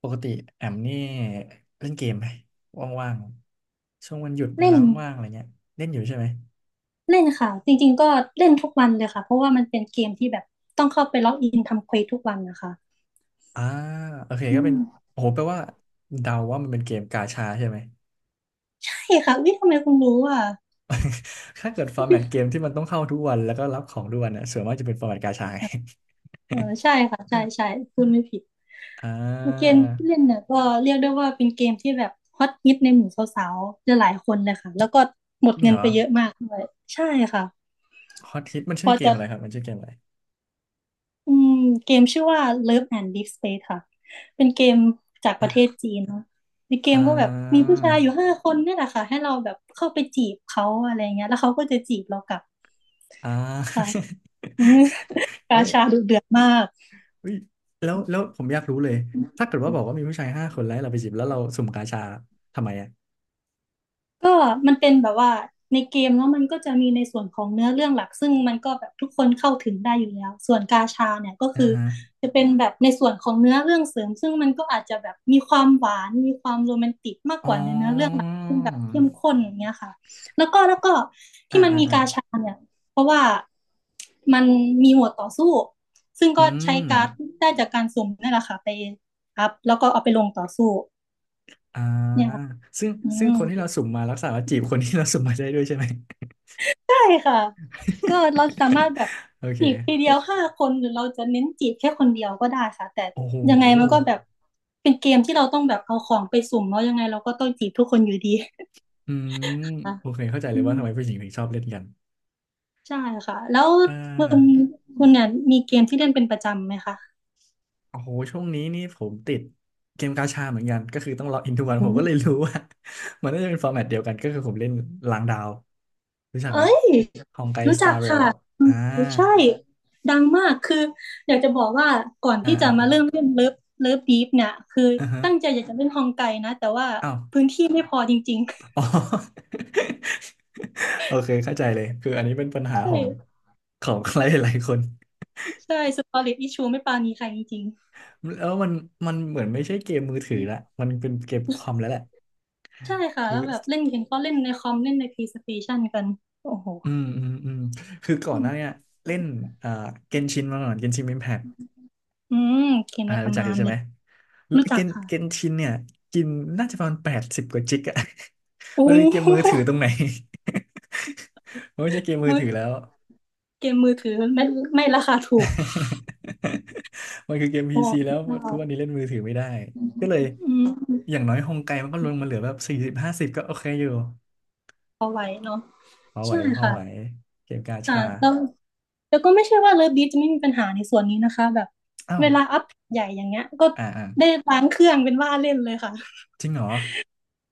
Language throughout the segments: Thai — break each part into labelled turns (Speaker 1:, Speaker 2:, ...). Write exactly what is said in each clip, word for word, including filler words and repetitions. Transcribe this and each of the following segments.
Speaker 1: ปกติแอมนี่เล่นเกมไหมว่างๆช่วงวันหยุดเว
Speaker 2: เล่
Speaker 1: ลา
Speaker 2: น
Speaker 1: ว่างๆอะไรเงี้ยเล่นอยู่ใช่ไหม
Speaker 2: เล่นค่ะจริงๆก็เล่นทุกวันเลยค่ะเพราะว่ามันเป็นเกมที่แบบต้องเข้าไปล็อกอินทำเควสทุกวันนะคะ
Speaker 1: อ่าโอเค
Speaker 2: อื
Speaker 1: ก็เป็
Speaker 2: ม
Speaker 1: นโอ้โหแปลว่าเดาว่ามันเป็นเกมกาชาใช่ไหม
Speaker 2: ใช่ค่ะวิทำไมคุณรู้อ่ะ
Speaker 1: ถ้าเกิดฟอร์แมตเกมที่มันต้องเข้าทุกวันแล้วก็รับของทุกวันน่ะส่วนมากจะเป็นฟอร์แมตกาชาไง
Speaker 2: เออใช่ ค่ะใช่ใช่คุณไม่ผิด
Speaker 1: อ่
Speaker 2: เกม
Speaker 1: า
Speaker 2: ที่เล่นเนี่ยก็เรียกได้ว่าเป็นเกมที่แบบฮอตฮิตในหมู่สาวๆจะหลายคนเลยค่ะแล้วก็หม
Speaker 1: จ
Speaker 2: ด
Speaker 1: ริง
Speaker 2: เงิ
Speaker 1: เหร
Speaker 2: น
Speaker 1: อ
Speaker 2: ไปเยอะมากด้วยใช่ค่ะ
Speaker 1: ฮอตฮิตมัน
Speaker 2: พ
Speaker 1: ชื่อ
Speaker 2: อ
Speaker 1: เกม
Speaker 2: จะ
Speaker 1: อะไรครับมันชื่อเกมอะไร
Speaker 2: อืมเกมชื่อว่า Love and Deep Space ค่ะ เป็นเกมจากประเท
Speaker 1: อ่
Speaker 2: ศจีนเนาะในเกมก็แบบมี
Speaker 1: า
Speaker 2: ผู้ชายอยู่ห้าคนเนี่ยแหละค่ะ ให้เราแบบเข้าไปจีบเขาอะไรเงี้ยแล้วเขาก็จะจีบเรากลับ
Speaker 1: อ่
Speaker 2: ค่ะ
Speaker 1: า
Speaker 2: อืม กา
Speaker 1: เอ๊ะ
Speaker 2: ชาดุเดือดมาก
Speaker 1: เฮ้ยแล้วแล้วผมอยากรู้เลยถ้าเกิดว่าบอกว่ามีผู้ชายห้าคนแล้วให้เราไปจีบแล้วเราสุ่มกาชาทำไมอ่ะ
Speaker 2: ก็มันเป็นแบบว่าในเกมเนาะมันก็จะมีในส่วนของเนื้อเรื่องหลักซึ่งมันก็แบบทุกคนเข้าถึงได้อยู่แล้วส่วนกาชาเนี่ยก็
Speaker 1: อ่า
Speaker 2: คือ
Speaker 1: ฮะ
Speaker 2: จะเป็นแบบในส่วนของเนื้อเรื่องเสริมซึ่งมันก็อาจจะแบบมีความหวานมีความโรแมนติกมาก
Speaker 1: อ๋
Speaker 2: กว่าในเนื้อเรื่องห
Speaker 1: อ
Speaker 2: ลักซึ่งแบบเข้มข้นอย่างเงี้ยค่ะแล้วก็แล้วก็
Speaker 1: อ่า
Speaker 2: ที่มัน
Speaker 1: อ่า
Speaker 2: มี
Speaker 1: อ่า
Speaker 2: กาชาเนี่ยเพราะว่ามันมีหมวดต่อสู้ซึ่ง
Speaker 1: อื
Speaker 2: ก็ใช้
Speaker 1: ม
Speaker 2: การ์ดได้จากการสุ่มนี่แหละค่ะไปอัพแล้วก็เอาไปลงต่อสู้
Speaker 1: อ่า
Speaker 2: เนี่ยค่ะ
Speaker 1: ซึ่ง
Speaker 2: อื
Speaker 1: ซึ่ง
Speaker 2: ม
Speaker 1: คนที่เราสุ่มมารักษาว่าจีบคนที่เราสุ่มมาได้ด้วยใช่ไหม
Speaker 2: ใช่ค่ะก็เราสามารถ แบบ
Speaker 1: โอเ
Speaker 2: จีบทีเดี
Speaker 1: ค
Speaker 2: ยวห้าคนหรือเราจะเน้นจีบแค่คนเดียวก็ได้ค่ะแต่
Speaker 1: โอ้โห
Speaker 2: ยังไงมันก็แบบเป็นเกมที่เราต้องแบบเอาของไปสุ่มเนาะยังไงเราก็ต้องจีบทุกคนอยู่ดี
Speaker 1: อืม
Speaker 2: ค่ะ
Speaker 1: โอเคเข้าใจเล
Speaker 2: อื
Speaker 1: ย
Speaker 2: ม
Speaker 1: ว่าทำไมผู้หญิงถึงชอบเล่นกัน
Speaker 2: ใช่ค่ะแล้ว
Speaker 1: เออ
Speaker 2: คุณคุณเนี่ยมีเกมที่เล่นเป็นประจำไหมคะ
Speaker 1: โอ้โหช่วงนี้นี่ผมติดเกมกาชาเหมือนกันก็คือต้องล็อกอินทุกวัน
Speaker 2: อื
Speaker 1: ผมก็เลย
Speaker 2: ม
Speaker 1: รู้ว่า มันน่าจะเป็นฟอร์แมตเดียวกันก็คือผมเล่นล้างดาวรู้จัก
Speaker 2: เอ้
Speaker 1: ไหม
Speaker 2: ย
Speaker 1: ฮองไก
Speaker 2: รู้
Speaker 1: สตา
Speaker 2: จัก
Speaker 1: ร์เร
Speaker 2: ค่ะ
Speaker 1: ล
Speaker 2: อื
Speaker 1: อ่า
Speaker 2: มใช่ดังมากคืออยากจะบอกว่าก่อน
Speaker 1: อ่า
Speaker 2: ที่จะ
Speaker 1: อ่า
Speaker 2: มา
Speaker 1: อ่า
Speaker 2: เริ่มเล่นเลิฟเลิฟดีฟเนี่ยคือ
Speaker 1: อ่าฮะ
Speaker 2: ตั้งใจอยากจะเล่นฮองไกนะแต่ว่า
Speaker 1: อ้าว
Speaker 2: พื้นที่ไม่พอจริง
Speaker 1: อ๋อ โอเคเข้าใจเลยคืออันนี้เป็นปัญ
Speaker 2: ใช
Speaker 1: หาของ
Speaker 2: ่
Speaker 1: ของ ใครหลายๆคน
Speaker 2: ใช่สตอรี่อิชูไม่ปราณีใครจริง
Speaker 1: แล้วมันมันเหมือนไม่ใช่เกมมือถือละมันเป็นเกมคอมแล้วแหละ
Speaker 2: ๆใช่ค่ะ
Speaker 1: คือ
Speaker 2: แล้วแบบเล่นเห็นเขาเล่นในคอมเล่นใน PlayStation กันโอ้โห
Speaker 1: อืมอืมอืมคือก่อ
Speaker 2: อื
Speaker 1: นห
Speaker 2: ม
Speaker 1: น้าเนี้ยเล่นเอ่อเกนชินมาก่อนเกนชินอิมแพค
Speaker 2: อืมเกม
Speaker 1: อ่า
Speaker 2: ใน
Speaker 1: รู้จั
Speaker 2: ตำ
Speaker 1: กอ
Speaker 2: นา
Speaker 1: ยู่
Speaker 2: น
Speaker 1: ใช่
Speaker 2: เล
Speaker 1: ไหม
Speaker 2: ย
Speaker 1: แล้ว
Speaker 2: รู้
Speaker 1: เก
Speaker 2: จัก
Speaker 1: น
Speaker 2: ค่ะ
Speaker 1: เกนชินเนี่ยกินน่าจะประมาณแปดสิบกว่าจิกอะ
Speaker 2: โอ้
Speaker 1: มันเป็นเกม
Speaker 2: โห
Speaker 1: มือถือตรงไหน มันไม่ใช่เกมมือ
Speaker 2: มือ
Speaker 1: ถือแล้ว
Speaker 2: เกมมือถือไม่ไม่ราคาถูก
Speaker 1: มันคือเกมพี
Speaker 2: โอ้
Speaker 1: ซีแล้ว
Speaker 2: โห
Speaker 1: ทุกวันนี้เล่นมือถือไม่ได้ก็เลย
Speaker 2: อื
Speaker 1: อ
Speaker 2: ม
Speaker 1: ย่างน้อยฮงไกมันก็ลงมาเหลือแบบสี่สิบห้าสิบก็โอเคอยู่
Speaker 2: ไหวเนาะ
Speaker 1: พอไหว
Speaker 2: ใช่
Speaker 1: พอ
Speaker 2: ค่ะ
Speaker 1: ไหวเกมกา
Speaker 2: ค่ะ
Speaker 1: ชา
Speaker 2: แล้วแล้วก็ไม่ใช่ว่าเลิฟบีจะไม่มีปัญหาในส่วนนี้นะคะแบบ
Speaker 1: อ้า
Speaker 2: เว
Speaker 1: ว
Speaker 2: ลาอัพใหญ่อย่างเงี้ยก็
Speaker 1: อ่าอ่า
Speaker 2: ได้ล้างเครื่องเป็นว่าเล่นเลยค่ะ
Speaker 1: จริงเหรอ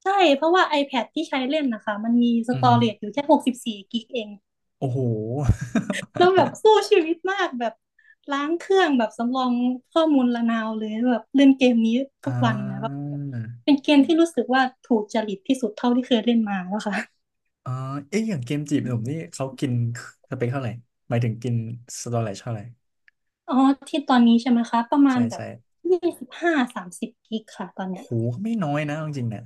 Speaker 2: ใช่เพราะว่า iPad ที่ใช้เล่นนะคะมันมีส
Speaker 1: อือ
Speaker 2: ตอ
Speaker 1: ฮึ
Speaker 2: เรจอยู่แค่หกสิบสี่กิกเอง
Speaker 1: โอ้โห
Speaker 2: แล้วแบบสู้ชีวิตมากแบบล้างเครื่องแบบสำรองข้อมูลระนาวเลยแบบเล่นเกมนี้
Speaker 1: อ
Speaker 2: ทุกวันนะ
Speaker 1: ่
Speaker 2: แบบ
Speaker 1: า
Speaker 2: เป็นเกมที่รู้สึกว่าถูกจริตที่สุดเท่าที่เคยเล่นมาแล้วค่ะ
Speaker 1: อ๋อเอ๊ะอย่างเกมจีบหนุ่มนี่เขากินสเปคเท่าไหร่หมายถึงกินสเตอไรจเท่าไหร่
Speaker 2: อ๋อที่ตอนนี้ใช่ไหมคะประมา
Speaker 1: ใช่
Speaker 2: ณแบบ
Speaker 1: ใช่
Speaker 2: ยี่สิบห้าสามสิบกิกค่ะตอน
Speaker 1: โอ้
Speaker 2: เนี้ย
Speaker 1: หก็ไม่น้อยนะเอาจริงๆเนี่ย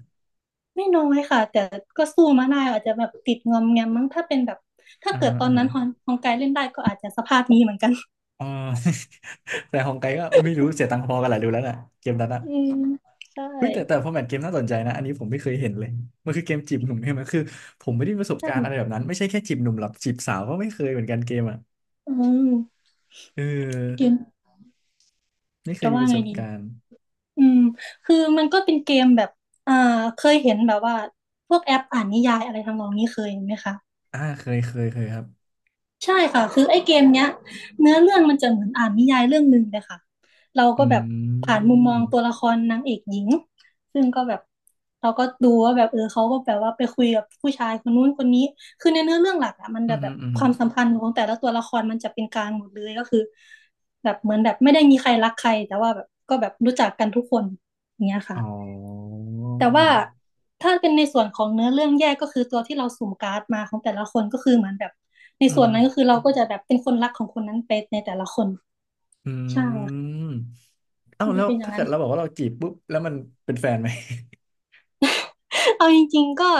Speaker 2: ไม่น้อยค่ะแต่ก็สู้มาได้อาจจะแบบติดงอมแงมมั้งถ้าเป็นแบบถ้า
Speaker 1: อ่า
Speaker 2: เกิ
Speaker 1: ฮะ
Speaker 2: ดตอ
Speaker 1: อ่า
Speaker 2: น
Speaker 1: ฮะ
Speaker 2: นั้นฮอน ฮองไกเล่นได้ก็อาจจะสภาพนี้เหมือนกัน
Speaker 1: อ๋อ แต่ของไกลก็ไม่รู้เสียตังค์พอกันแหละดูแล้วน่ะเกมนั้นอ่ะ
Speaker 2: อืมใช่
Speaker 1: เฮ้ยแต่แต่ฟอร์แมตเกมน่าสนใจนะอันนี้ผมไม่เคยเห็นเลยมันคือเกมจีบหนุ่มใช่ไหมคือผมไม่ได้มีประสบการณ์อะไรแบ
Speaker 2: ใช่
Speaker 1: บนั้นไม่ใช่แค่จีบหนุ่มหรอกจีบสาวก็ไม่เคยเหมือนกันเกมอ่ะ
Speaker 2: อืม
Speaker 1: เ
Speaker 2: เก
Speaker 1: ออ
Speaker 2: ม
Speaker 1: ไม่เคย
Speaker 2: จะ
Speaker 1: มี
Speaker 2: ว่า
Speaker 1: ประส
Speaker 2: ไง
Speaker 1: บ
Speaker 2: ดี
Speaker 1: การณ์
Speaker 2: อืมคือมันก็เป็นเกมแบบอ่าเคยเห็นแบบว่าพวกแอปอ่านนิยายอะไรทำนองนี้เคยเห็นไหมคะ
Speaker 1: อ่าเคยเคยเคยครับ
Speaker 2: ใช่ค่ะคือไอ้เกมเนี้ยเนื้อเรื่องมันจะเหมือนอ่านนิยายเรื่องหนึ่งเลยค่ะเรา
Speaker 1: อ
Speaker 2: ก็แบบ
Speaker 1: ื
Speaker 2: ผ่านมุมมอง
Speaker 1: ม
Speaker 2: ตัวละครนางเอกหญิงซึ่งก็แบบเราก็ดูว่าแบบเออเขาก็แบบว่าไปคุยกับผู้ชายคนนู้นคนนี้คือในเนื้อเรื่องหลักอะมัน
Speaker 1: อื
Speaker 2: จะ
Speaker 1: มอ
Speaker 2: แบ
Speaker 1: หื
Speaker 2: บ
Speaker 1: มออือ
Speaker 2: ค
Speaker 1: หือ
Speaker 2: วามสัมพันธ์ของแต่ละตัวละครมันจะเป็นกลางหมดเลยก็คือแบบเหมือนแบบไม่ได้มีใครรักใครแต่ว่าแบบก็แบบรู้จักกันทุกคนอย่างเงี้ย
Speaker 1: อ๋
Speaker 2: ค่ะ
Speaker 1: อ
Speaker 2: แต่ว่าถ้าเป็นในส่วนของเนื้อเรื่องแยกก็คือตัวที่เราสุ่มการ์ดมาของแต่ละคนก็คือเหมือนแบบใน
Speaker 1: อื
Speaker 2: ส่วนนั้นก็
Speaker 1: ม
Speaker 2: คือเราก็จะแบบเป็นคนรักของคนนั้นไปในแต่ละคนใช่
Speaker 1: อื
Speaker 2: ค่ะ
Speaker 1: ม เอ้า
Speaker 2: มัน
Speaker 1: แล้
Speaker 2: จะ
Speaker 1: ว
Speaker 2: เป็นอย่าง
Speaker 1: ถ้า
Speaker 2: นั้
Speaker 1: เกิ
Speaker 2: น
Speaker 1: ดเราบอกว่าเราจีบปุ๊บแล้วมันเป็นแฟนไหม
Speaker 2: เอาจริงๆก็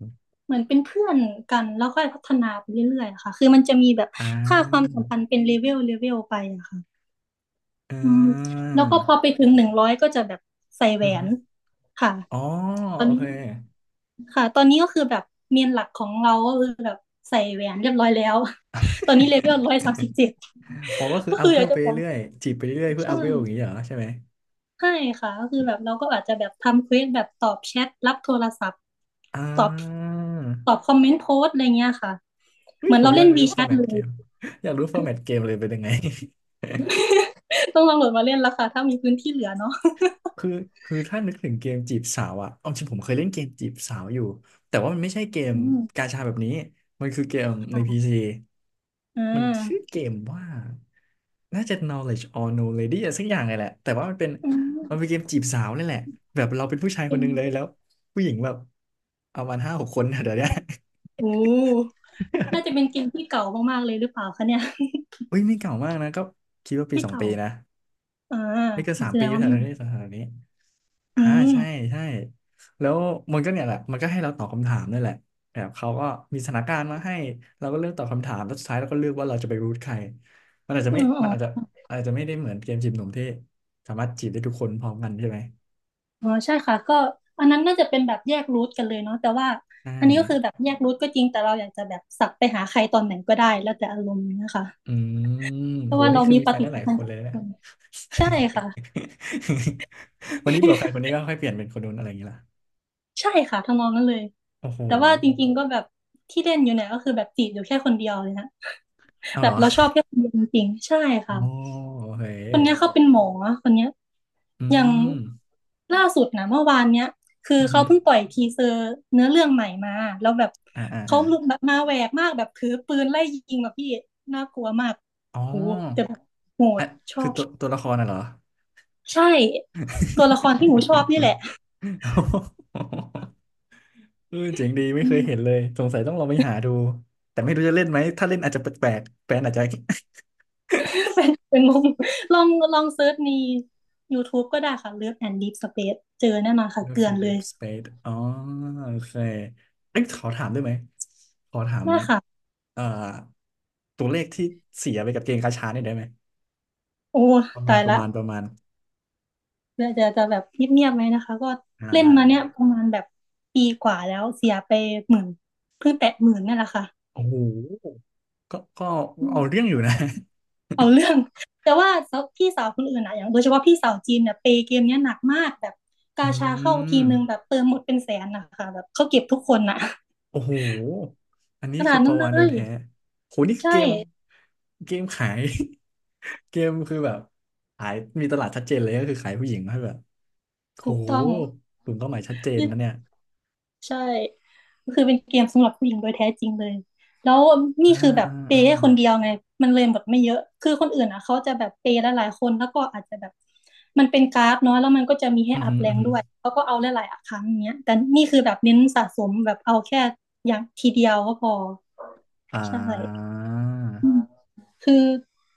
Speaker 2: เหมือนเป็นเพื่อนกันแล้วค่อยพัฒนาไปเรื่อยๆอะค่ะคือมันจะมีแบบ
Speaker 1: อ่า
Speaker 2: ค่าความสัมพันธ์เป็นเลเวลเลเวลไปอะค่ะ
Speaker 1: อ่
Speaker 2: อืม
Speaker 1: า
Speaker 2: แล้วก็พอไปถึงหนึ่งร้อยก็จะแบบใส่แหว
Speaker 1: อื
Speaker 2: น
Speaker 1: ม
Speaker 2: ค่ะ
Speaker 1: อ๋อ
Speaker 2: ตอ
Speaker 1: โอ
Speaker 2: นนี้
Speaker 1: เค
Speaker 2: ค่ะตอนนี้ก็คือแบบเมนหลักของเราก็คือแบบใส่แหวนเรียบร้อยแล้ว ตอนนี้เลเวลร้อย สามสิบเจ็ด
Speaker 1: อ๋อก็คือ
Speaker 2: ก็
Speaker 1: อัพ
Speaker 2: คือ
Speaker 1: เว
Speaker 2: อยา
Speaker 1: ล
Speaker 2: ก
Speaker 1: ไป
Speaker 2: จะบอก
Speaker 1: เรื่อยจีบไปเรื่อยเพื่อ
Speaker 2: ใช่
Speaker 1: อัพเวลอย่างนี้เหรอใช่ไหม
Speaker 2: ใช่ค่ะก็คือแบบเราก็อาจจะแบบทำเควสแบบตอบแชทรับโทรศัพท์
Speaker 1: อ่
Speaker 2: ตอบต
Speaker 1: า
Speaker 2: อบคอมเมนต์โพสต์อะไรเงี้ยค่ะ
Speaker 1: อุ้
Speaker 2: เห
Speaker 1: ย
Speaker 2: มือน
Speaker 1: ผ
Speaker 2: เรา
Speaker 1: มอ
Speaker 2: เล่
Speaker 1: ยา
Speaker 2: น
Speaker 1: กรู้
Speaker 2: w ี c
Speaker 1: ฟอ
Speaker 2: h
Speaker 1: ร์
Speaker 2: a
Speaker 1: แม
Speaker 2: t
Speaker 1: ต
Speaker 2: เล
Speaker 1: เก
Speaker 2: ย
Speaker 1: ม อยากรู้ฟอร์แมตเกมเลยเป็นยังไง
Speaker 2: ต้องลองโหลดมาเล่นแล้วค่ะถ้ามีพื้นที่เหลือเนาะ
Speaker 1: คือคือถ้านึกถึงเกมจีบสาวอะเอาจริงผมเคยเล่นเกมจีบสาวอยู่ แต่ว่ามันไม่ใช่เกม
Speaker 2: อื
Speaker 1: กา
Speaker 2: ม
Speaker 1: ชาแบบนี้ มันคือเกมในพี
Speaker 2: ค่ะ
Speaker 1: ซี
Speaker 2: อ่
Speaker 1: มันชื่อ
Speaker 2: า
Speaker 1: เกมว่า น่าจะ Knowledge or No Lady อะไรสักอย่างเลยแหละ แต่ว่ามันเป็น
Speaker 2: อื
Speaker 1: มันเป็นเก
Speaker 2: ม
Speaker 1: มจีบสาวนี่แหละ แบบเราเป็นผู้ชาย
Speaker 2: เก
Speaker 1: คนห
Speaker 2: ม
Speaker 1: นึงเลยแล้วผู้หญิงแบบ เอามาณห้าหกคนนะเดี๋ยวเนี้ย
Speaker 2: โอ้น่าจะเป็นเกมที่เก่ามากๆเลยหรือเปล่าคะเนี่ย
Speaker 1: อุ้ยไม่เก่ามากนะ ก็คิดว่า ปี
Speaker 2: ไม่
Speaker 1: สอง
Speaker 2: เก่า
Speaker 1: ปีนะ
Speaker 2: อ่า
Speaker 1: ไม่เกินสาม
Speaker 2: แสด
Speaker 1: ปี
Speaker 2: ง
Speaker 1: อยู่
Speaker 2: ว่า
Speaker 1: แถ
Speaker 2: ไม่
Speaker 1: วๆนี้แถวๆนี้
Speaker 2: อื
Speaker 1: อ่าใช่
Speaker 2: ม
Speaker 1: ใช่แล้วมันก็เนี่ยแหละมันก็ให้เราตอบคำถามนี่นแหละแบบเขาก็มีสถานการณ์มาให้เราก็เลือกตอบคำถามแล้วสุดท้ายเราก็เลือกว่าเราจะไปรูทใครมันอาจจะ
Speaker 2: อื
Speaker 1: ไม่
Speaker 2: มอ๋
Speaker 1: มั
Speaker 2: อ
Speaker 1: นอาจจะอาจจะไม่ได้เหมือนเกมจีบหนุ่มที่สามารถจีบได้ทุกคนพร้อมกันใช่ไหม
Speaker 2: อ๋อใช่ค่ะ ก็อันนั้นน่าจะเป็นแบบแยกรูทกันเลยเนาะแต่ว่า
Speaker 1: ใช่
Speaker 2: อันนี้ก็คือแบบแยกรูทก็จริงแต่เราอยากจะแบบสับไปหาใครตอนไหนก็ได้แล้วแต่อารมณ์เนะคะ
Speaker 1: อืม
Speaker 2: เพราะ
Speaker 1: โห
Speaker 2: ว่า
Speaker 1: นี่
Speaker 2: เรา
Speaker 1: คือ
Speaker 2: มี
Speaker 1: มี
Speaker 2: ป
Speaker 1: แฟน
Speaker 2: ฏิ
Speaker 1: ได้ห
Speaker 2: สั
Speaker 1: ลา
Speaker 2: ม
Speaker 1: ย
Speaker 2: พัน
Speaker 1: ค
Speaker 2: ธ์
Speaker 1: น
Speaker 2: กั
Speaker 1: เล
Speaker 2: บ
Speaker 1: ย
Speaker 2: ทุก
Speaker 1: นะ
Speaker 2: คนใช่ค่ะ
Speaker 1: วันนี้เบื่อแฟนคนนี้ก็ค่อยเปลี่ยนเป็นคนนู้นอะไรอย่างเงี้ยล่ะ
Speaker 2: ใช่ค่ะทำนองนั้นเลย
Speaker 1: โอ้โห
Speaker 2: แต่ว่าจริงๆก็แบบที่เล่นอยู่เนี่ยก็คือแบบจีบอยู่แค่คนเดียวเลยนะ
Speaker 1: เอาเหรอ
Speaker 2: จริงๆใช่
Speaker 1: โอ้
Speaker 2: ค่ะ
Speaker 1: โอเฮ้
Speaker 2: ค
Speaker 1: ย
Speaker 2: นเนี้ยเขาเป็นหมอคนเนี้ย
Speaker 1: อื
Speaker 2: อย่าง
Speaker 1: ม
Speaker 2: ล่าสุดนะเมื่อวานเนี้ยคือ
Speaker 1: อือหื
Speaker 2: เขา
Speaker 1: อ
Speaker 2: เพิ่งปล่อยทีเซอร์เนื้อเรื่องใหม่มาแล้วแบบ
Speaker 1: อ่าอ่า
Speaker 2: เขา
Speaker 1: อ่า
Speaker 2: ลุกแบบมาแหวกมากแบบถือปืนไล่ยิงแบบพี่น่ากลัวมาก
Speaker 1: อ๋อ
Speaker 2: โหแต่แบบโหด
Speaker 1: อ่ะ
Speaker 2: ชอ
Speaker 1: คือ
Speaker 2: บ
Speaker 1: ตัว
Speaker 2: ชอบ
Speaker 1: ตัวละครน่ะเหรอ
Speaker 2: ใช่ตัวละครที่หนูชอบนี่แหละ
Speaker 1: โอ้โห เออเจ๋งดีไม่
Speaker 2: อื
Speaker 1: เคย
Speaker 2: ม
Speaker 1: เห็นเลยสงสัยต้องลองไปหาดูแต่ไม่รู้จะเล่นไหมถ้าเล่นอาจจะแปลกๆแฟนอาจจะ
Speaker 2: เป็นเป็นงงลองลองเซิร์ชใน YouTube ก็ได้ค่ะ Love and Deep Space เจอแน่นอนค่ะเก
Speaker 1: Love
Speaker 2: ลือน
Speaker 1: and
Speaker 2: เลย
Speaker 1: Deep Space อ๋อโอเคเอ้ยขอถามได้ไหมขอถาม
Speaker 2: ได้ค่ะ
Speaker 1: เอ่อตัวเลขที่เสียไปกับเกมกาชาเนี่ยได้ไหม
Speaker 2: โอ้
Speaker 1: ประมา
Speaker 2: ตา
Speaker 1: ณ
Speaker 2: ย
Speaker 1: ประ
Speaker 2: ละ
Speaker 1: มาณประมาณ
Speaker 2: เพื่อจะจะแบบเงียบๆไหมนะคะก็
Speaker 1: อ่า
Speaker 2: เล่น
Speaker 1: ได้
Speaker 2: มา
Speaker 1: ได้
Speaker 2: เนี้ยประมาณแบบปีกว่าแล้วเสียไปหมื่นเพิ่งแตะหมื่นนั่นแหละค่ะ
Speaker 1: โอ้โหก็ก็
Speaker 2: อืม
Speaker 1: เอาเรื่องอยู่นะ
Speaker 2: เอาเรื่องแต่ว่าพี่สาวคนอื่นอะอย่างโดยเฉพาะพี่สาวจีนเนี่ยเปย์เกมเนี้ยหนักมากแบบ
Speaker 1: อื
Speaker 2: กาชาเข้า
Speaker 1: ม
Speaker 2: ทีนึงแบบเติมหมดเป็นแสนนะคะแบบเขาเก็บทุกคนน่ะ
Speaker 1: โอ้โหอันนี้
Speaker 2: ขนา
Speaker 1: คือ
Speaker 2: ด
Speaker 1: ป
Speaker 2: นั้
Speaker 1: ลา
Speaker 2: นเล
Speaker 1: วาฬโดย
Speaker 2: ย
Speaker 1: แท้โหนี่คือ
Speaker 2: ใช่
Speaker 1: เกมเกมขาย เกมคือแบบขายมีตลาดชัดเจนเลยก็คือขายผู้หญิงให้แบบโห
Speaker 2: ถูกต้อง
Speaker 1: กลุ่มเป้าหมายชัดเจนนะเนี่ย
Speaker 2: ใช่ก็คือเป็นเกมสำหรับผู้หญิงโดยแท้จริงเลยแล้วนี่
Speaker 1: อ่า
Speaker 2: คือแบบ
Speaker 1: อ่า
Speaker 2: เป
Speaker 1: อ่า
Speaker 2: ย์ให้คนเดียวไงมันเลยหมดไม่เยอะคือคนอื่นอ่ะเขาจะแบบเปย์หลายๆคนแล้วก็อาจจะแบบมันเป็นการ์ดเนาะแล้วมันก็จะมีให้
Speaker 1: อือ
Speaker 2: อั
Speaker 1: หื
Speaker 2: พ
Speaker 1: อ
Speaker 2: แร
Speaker 1: อือ
Speaker 2: ง
Speaker 1: หือ
Speaker 2: ด้วยเขาก็เอาหลายๆครั้งอย่างเงี้ยแต่นี่คือแบบเน้นสะสมแบบเอาแค่อย่างทีเดียวก็พอ
Speaker 1: อ่
Speaker 2: ใช่
Speaker 1: า
Speaker 2: คือ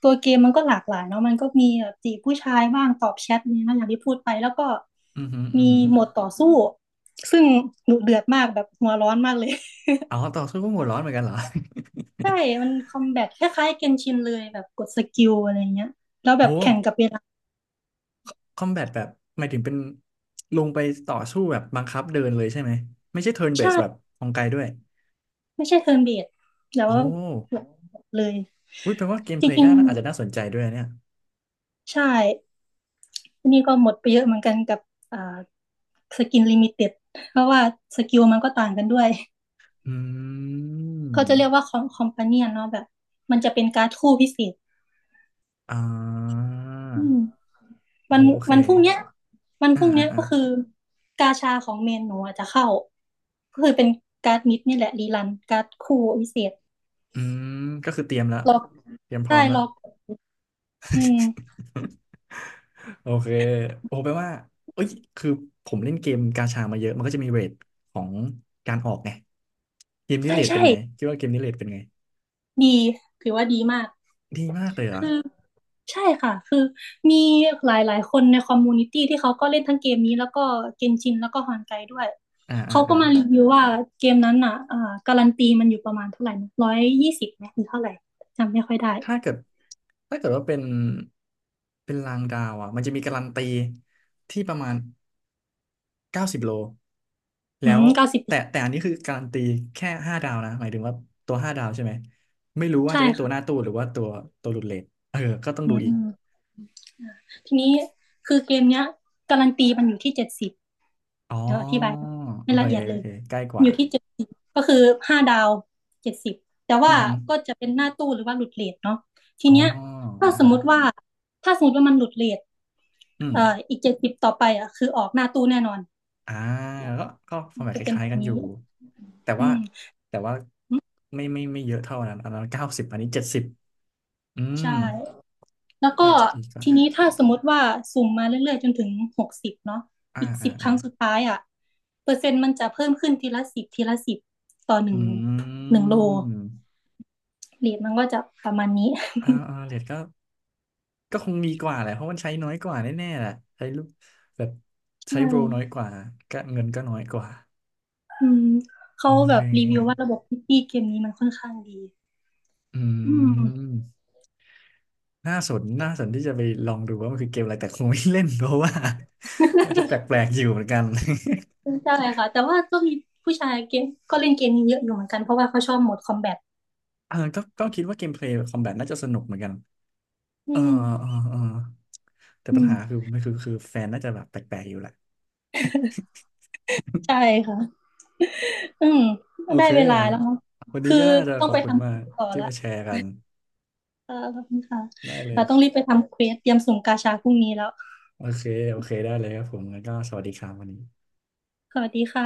Speaker 2: ตัวเกมมันก็หลากหลายเนาะมันก็มีแบบจีบผู้ชายบ้างตอบแชทเนี่ยนะอย่างที่พูดไปแล้วก็
Speaker 1: อือหืออื
Speaker 2: มี
Speaker 1: อหือ
Speaker 2: โหมดต่อสู้ซึ่งดุเดือดมากแบบหัวร้อนมากเลย
Speaker 1: อ๋อต่อสู้ก็หัวร้อนเหมือนกันเหรอ
Speaker 2: ใช่ มันคอมแบทคล้ายๆเกนชินเลยแบบกดสกิลอะไรเงี้ย แล้ว แบ
Speaker 1: โอ้
Speaker 2: บแข่งกับเวลา
Speaker 1: คอมแบทแบบหมายถึงเป็นลงไปต่อสู้แบบบังคับเดินเลยใช่ไหมไม่ใช่เทิร์นเบ
Speaker 2: ใช่
Speaker 1: สแบบของไกลด้วย
Speaker 2: ไม่ใช่เทิร์นเบสแล้
Speaker 1: โอ
Speaker 2: ว
Speaker 1: ้
Speaker 2: แบบเลย
Speaker 1: อุ้ยแปลว่าเกม
Speaker 2: จ
Speaker 1: เพลย์
Speaker 2: ริ
Speaker 1: ก็
Speaker 2: ง
Speaker 1: น่าอาจจะน่าสนใจด้วยนะเนี่ย
Speaker 2: ๆใช่ทีนี้ก็หมดไปเยอะเหมือนกันกับอ่าสกินลิมิเต็ดเพราะว่าสกิลมันก็ต่างกันด้วย
Speaker 1: อื
Speaker 2: เขาจะเรียก
Speaker 1: ม
Speaker 2: ว่าคอมคอมพาเนียนเนาะแบบมันจะเป็นการ์ดคู่พิเศษ
Speaker 1: อ่า
Speaker 2: อืม
Speaker 1: โอ้
Speaker 2: วั
Speaker 1: โห
Speaker 2: น
Speaker 1: โอเค
Speaker 2: วันพรุ่งเนี้ยวันพ
Speaker 1: อ่า
Speaker 2: รุ่ง
Speaker 1: อ่า
Speaker 2: เนี้ย
Speaker 1: อ่า
Speaker 2: ก็คือกาชาของเมนหนูอาจจะเข้าก็คือเป็นการ์ดมิดนี่แหละรีรันการ์ดคู่พิเศษ
Speaker 1: อืมก็คือเตรียมละ
Speaker 2: ล็อก
Speaker 1: เตรียมพร้อ
Speaker 2: ได้
Speaker 1: มละ
Speaker 2: ล็อกอืม
Speaker 1: โอเคโอ้แปลว่าเอ้ยคือผมเล่นเกมกาชามาเยอะมันก็จะมีเรทของการออกไงเกมนี้
Speaker 2: ใช่
Speaker 1: เรท
Speaker 2: ใช่
Speaker 1: เป็นไงคิดว่าเกมนี้เรทเป็นไง
Speaker 2: ดีถือว่าดีมาก
Speaker 1: ดีมากเลยเหรอ
Speaker 2: ใช่ค่ะคือมีหลายหลายคนในคอมมูนิตี้ที่เขาก็เล่นทั้งเกมนี้แล้วก็เกนชินแล้วก็ฮอนไกด้วย
Speaker 1: อ่าอ่า
Speaker 2: เขาก็
Speaker 1: อ่า
Speaker 2: มารีวิวว่าเกมนั้นอ่ะอ่าการันตีมันอยู่ประมาณเท่าไหร่นะร้อยยี่สิบไหมหรือเท่าไหร่จำไม่ค่อยได้
Speaker 1: ถ้าเกิดถ้าเกิดว่าเป็น เป็นรางดาวอ่ะมันจะมีการันตีที่ประมาณ เก้าสิบโล แล้
Speaker 2: อื
Speaker 1: ว
Speaker 2: มเก้าสิบ
Speaker 1: แต่แต่อันนี้คือการันตีแค่ห้าดาวนะหมายถึงว่าตัวห้าดาวใช่ไหม ไม่รู้ว่า
Speaker 2: ใช่
Speaker 1: จะได้ตัว
Speaker 2: ค่ะ
Speaker 1: หน้าตู้หรือว่าตัวตัวหลุดเรทเออ ก็ต้อง
Speaker 2: อื
Speaker 1: ดูอีก
Speaker 2: มทีนี้คือเกมเนี้ยการันตีมันอยู่ที่เจ็ดสิบ
Speaker 1: อ๋อ
Speaker 2: แลีวอธิบาย
Speaker 1: โอ
Speaker 2: ไม่
Speaker 1: เค
Speaker 2: ละเอียด
Speaker 1: โอ
Speaker 2: เลย
Speaker 1: เคใกล้ก
Speaker 2: อ
Speaker 1: ว่า
Speaker 2: ยู่ที่เจ็ดสิบก็คือห้าดาวเจ็ดสิบแต่
Speaker 1: อื
Speaker 2: ว่า
Speaker 1: อฮึ
Speaker 2: ก็จะเป็นหน้าตู้หรือว่าหลุดเรทเนาะที
Speaker 1: อ๋อ
Speaker 2: เนี้ยถ้า
Speaker 1: อ่า
Speaker 2: สม
Speaker 1: ฮะ
Speaker 2: มติว่าถ้าสมมติว่ามันหลุดเรท
Speaker 1: อืม
Speaker 2: เอ่ออีกเจ็ดสิบต่อไปอ่ะคือออกหน้าตู้แน่นอน
Speaker 1: อ่าก็ก็ฟอร์แมต
Speaker 2: จะ
Speaker 1: ค
Speaker 2: เป็น
Speaker 1: ล้า
Speaker 2: แบ
Speaker 1: ย
Speaker 2: บ
Speaker 1: ๆกันอ
Speaker 2: นี้
Speaker 1: ยู่ แต่
Speaker 2: อื
Speaker 1: ว่า
Speaker 2: ม
Speaker 1: แต่ว่าไม่ไม่ไม่เยอะเท่านั้นอันนั้นเก้าสิบอันนี้เจ็ดสิบอืม
Speaker 2: ใช่แล้ว
Speaker 1: ก็
Speaker 2: ก็
Speaker 1: อาจจะดีกว่า
Speaker 2: ทีนี้ถ้าสมมติว่าสุ่มมาเรื่อยๆจนถึงหกสิบเนาะ
Speaker 1: อ่า
Speaker 2: อีก
Speaker 1: อ่า
Speaker 2: สิบค
Speaker 1: อ่า
Speaker 2: รั้งสุดท้ายอ่ะเปอร์เซ็นต์มันจะเพิ่มขึ้นทีละสิบทีละสิบต่อห
Speaker 1: อื
Speaker 2: นึ่งหนึ่งโล
Speaker 1: ม
Speaker 2: เรทมันก็จะประมาณนี้
Speaker 1: อ่า อ่าเรทก็ ก็คงมีกว่าแหละเพราะมันใช้น้อยกว่าแน่ๆแหละใช้ลูกแบบ
Speaker 2: ใช
Speaker 1: ใช้โบรน้อย
Speaker 2: ่
Speaker 1: กว่าก็เงินก็น้อยกว่า
Speaker 2: อืม
Speaker 1: โอ
Speaker 2: เขาแบ
Speaker 1: เค
Speaker 2: บรีวิวว่าระบบพิตี้เกมนี้มันค่อนข้างดี
Speaker 1: อื
Speaker 2: อืม
Speaker 1: มน่าสนน่าสนที่จะไปลองดูว่ามันคือเกมอะไรแต่คงไม่เล่นเพราะว่า ว่าจะแปลกๆอยู่เหมือนกัน
Speaker 2: ใช่ค่ะ แต่ว่าก็มีผู้ชายเกมก็เล่นเกมนี้เยอะอยู่เหมือนกันเพราะว่าเขาชอบโหมดคอมแบท
Speaker 1: เออก็ก็คิดว่าเกมเพลย์คอมแบทน่าจะสนุกเหมือนกัน
Speaker 2: อื
Speaker 1: เออ
Speaker 2: ม
Speaker 1: เออเออแต่
Speaker 2: อื
Speaker 1: ปัญหา
Speaker 2: ม
Speaker 1: คือไม่คือคือแฟนน่าจะแบบแปลกๆอยู่แหละ
Speaker 2: ใช่ค่ะอืม
Speaker 1: โอ
Speaker 2: ได้
Speaker 1: เค
Speaker 2: เวลาแล้วเนอะ
Speaker 1: วันนี้
Speaker 2: คือ
Speaker 1: ก็น่าจะ
Speaker 2: ต้อ
Speaker 1: ข
Speaker 2: ง
Speaker 1: อบ
Speaker 2: ไป
Speaker 1: คุณ
Speaker 2: ทำ
Speaker 1: มา
Speaker 2: คิว
Speaker 1: ก
Speaker 2: ต่อ
Speaker 1: ที่
Speaker 2: ละ
Speaker 1: มาแชร์กัน
Speaker 2: เออขอบคุณค่ะ
Speaker 1: ได้เล
Speaker 2: เรา
Speaker 1: ย
Speaker 2: ต้องรีบไปทำเควสเตรียมสุ่มกาชาพรุ่งนี้แล้ว
Speaker 1: โอเค โอเค ได้เลยครับผมงั้นก็สวัสดีครับวันนี้
Speaker 2: สวัสดีค่ะ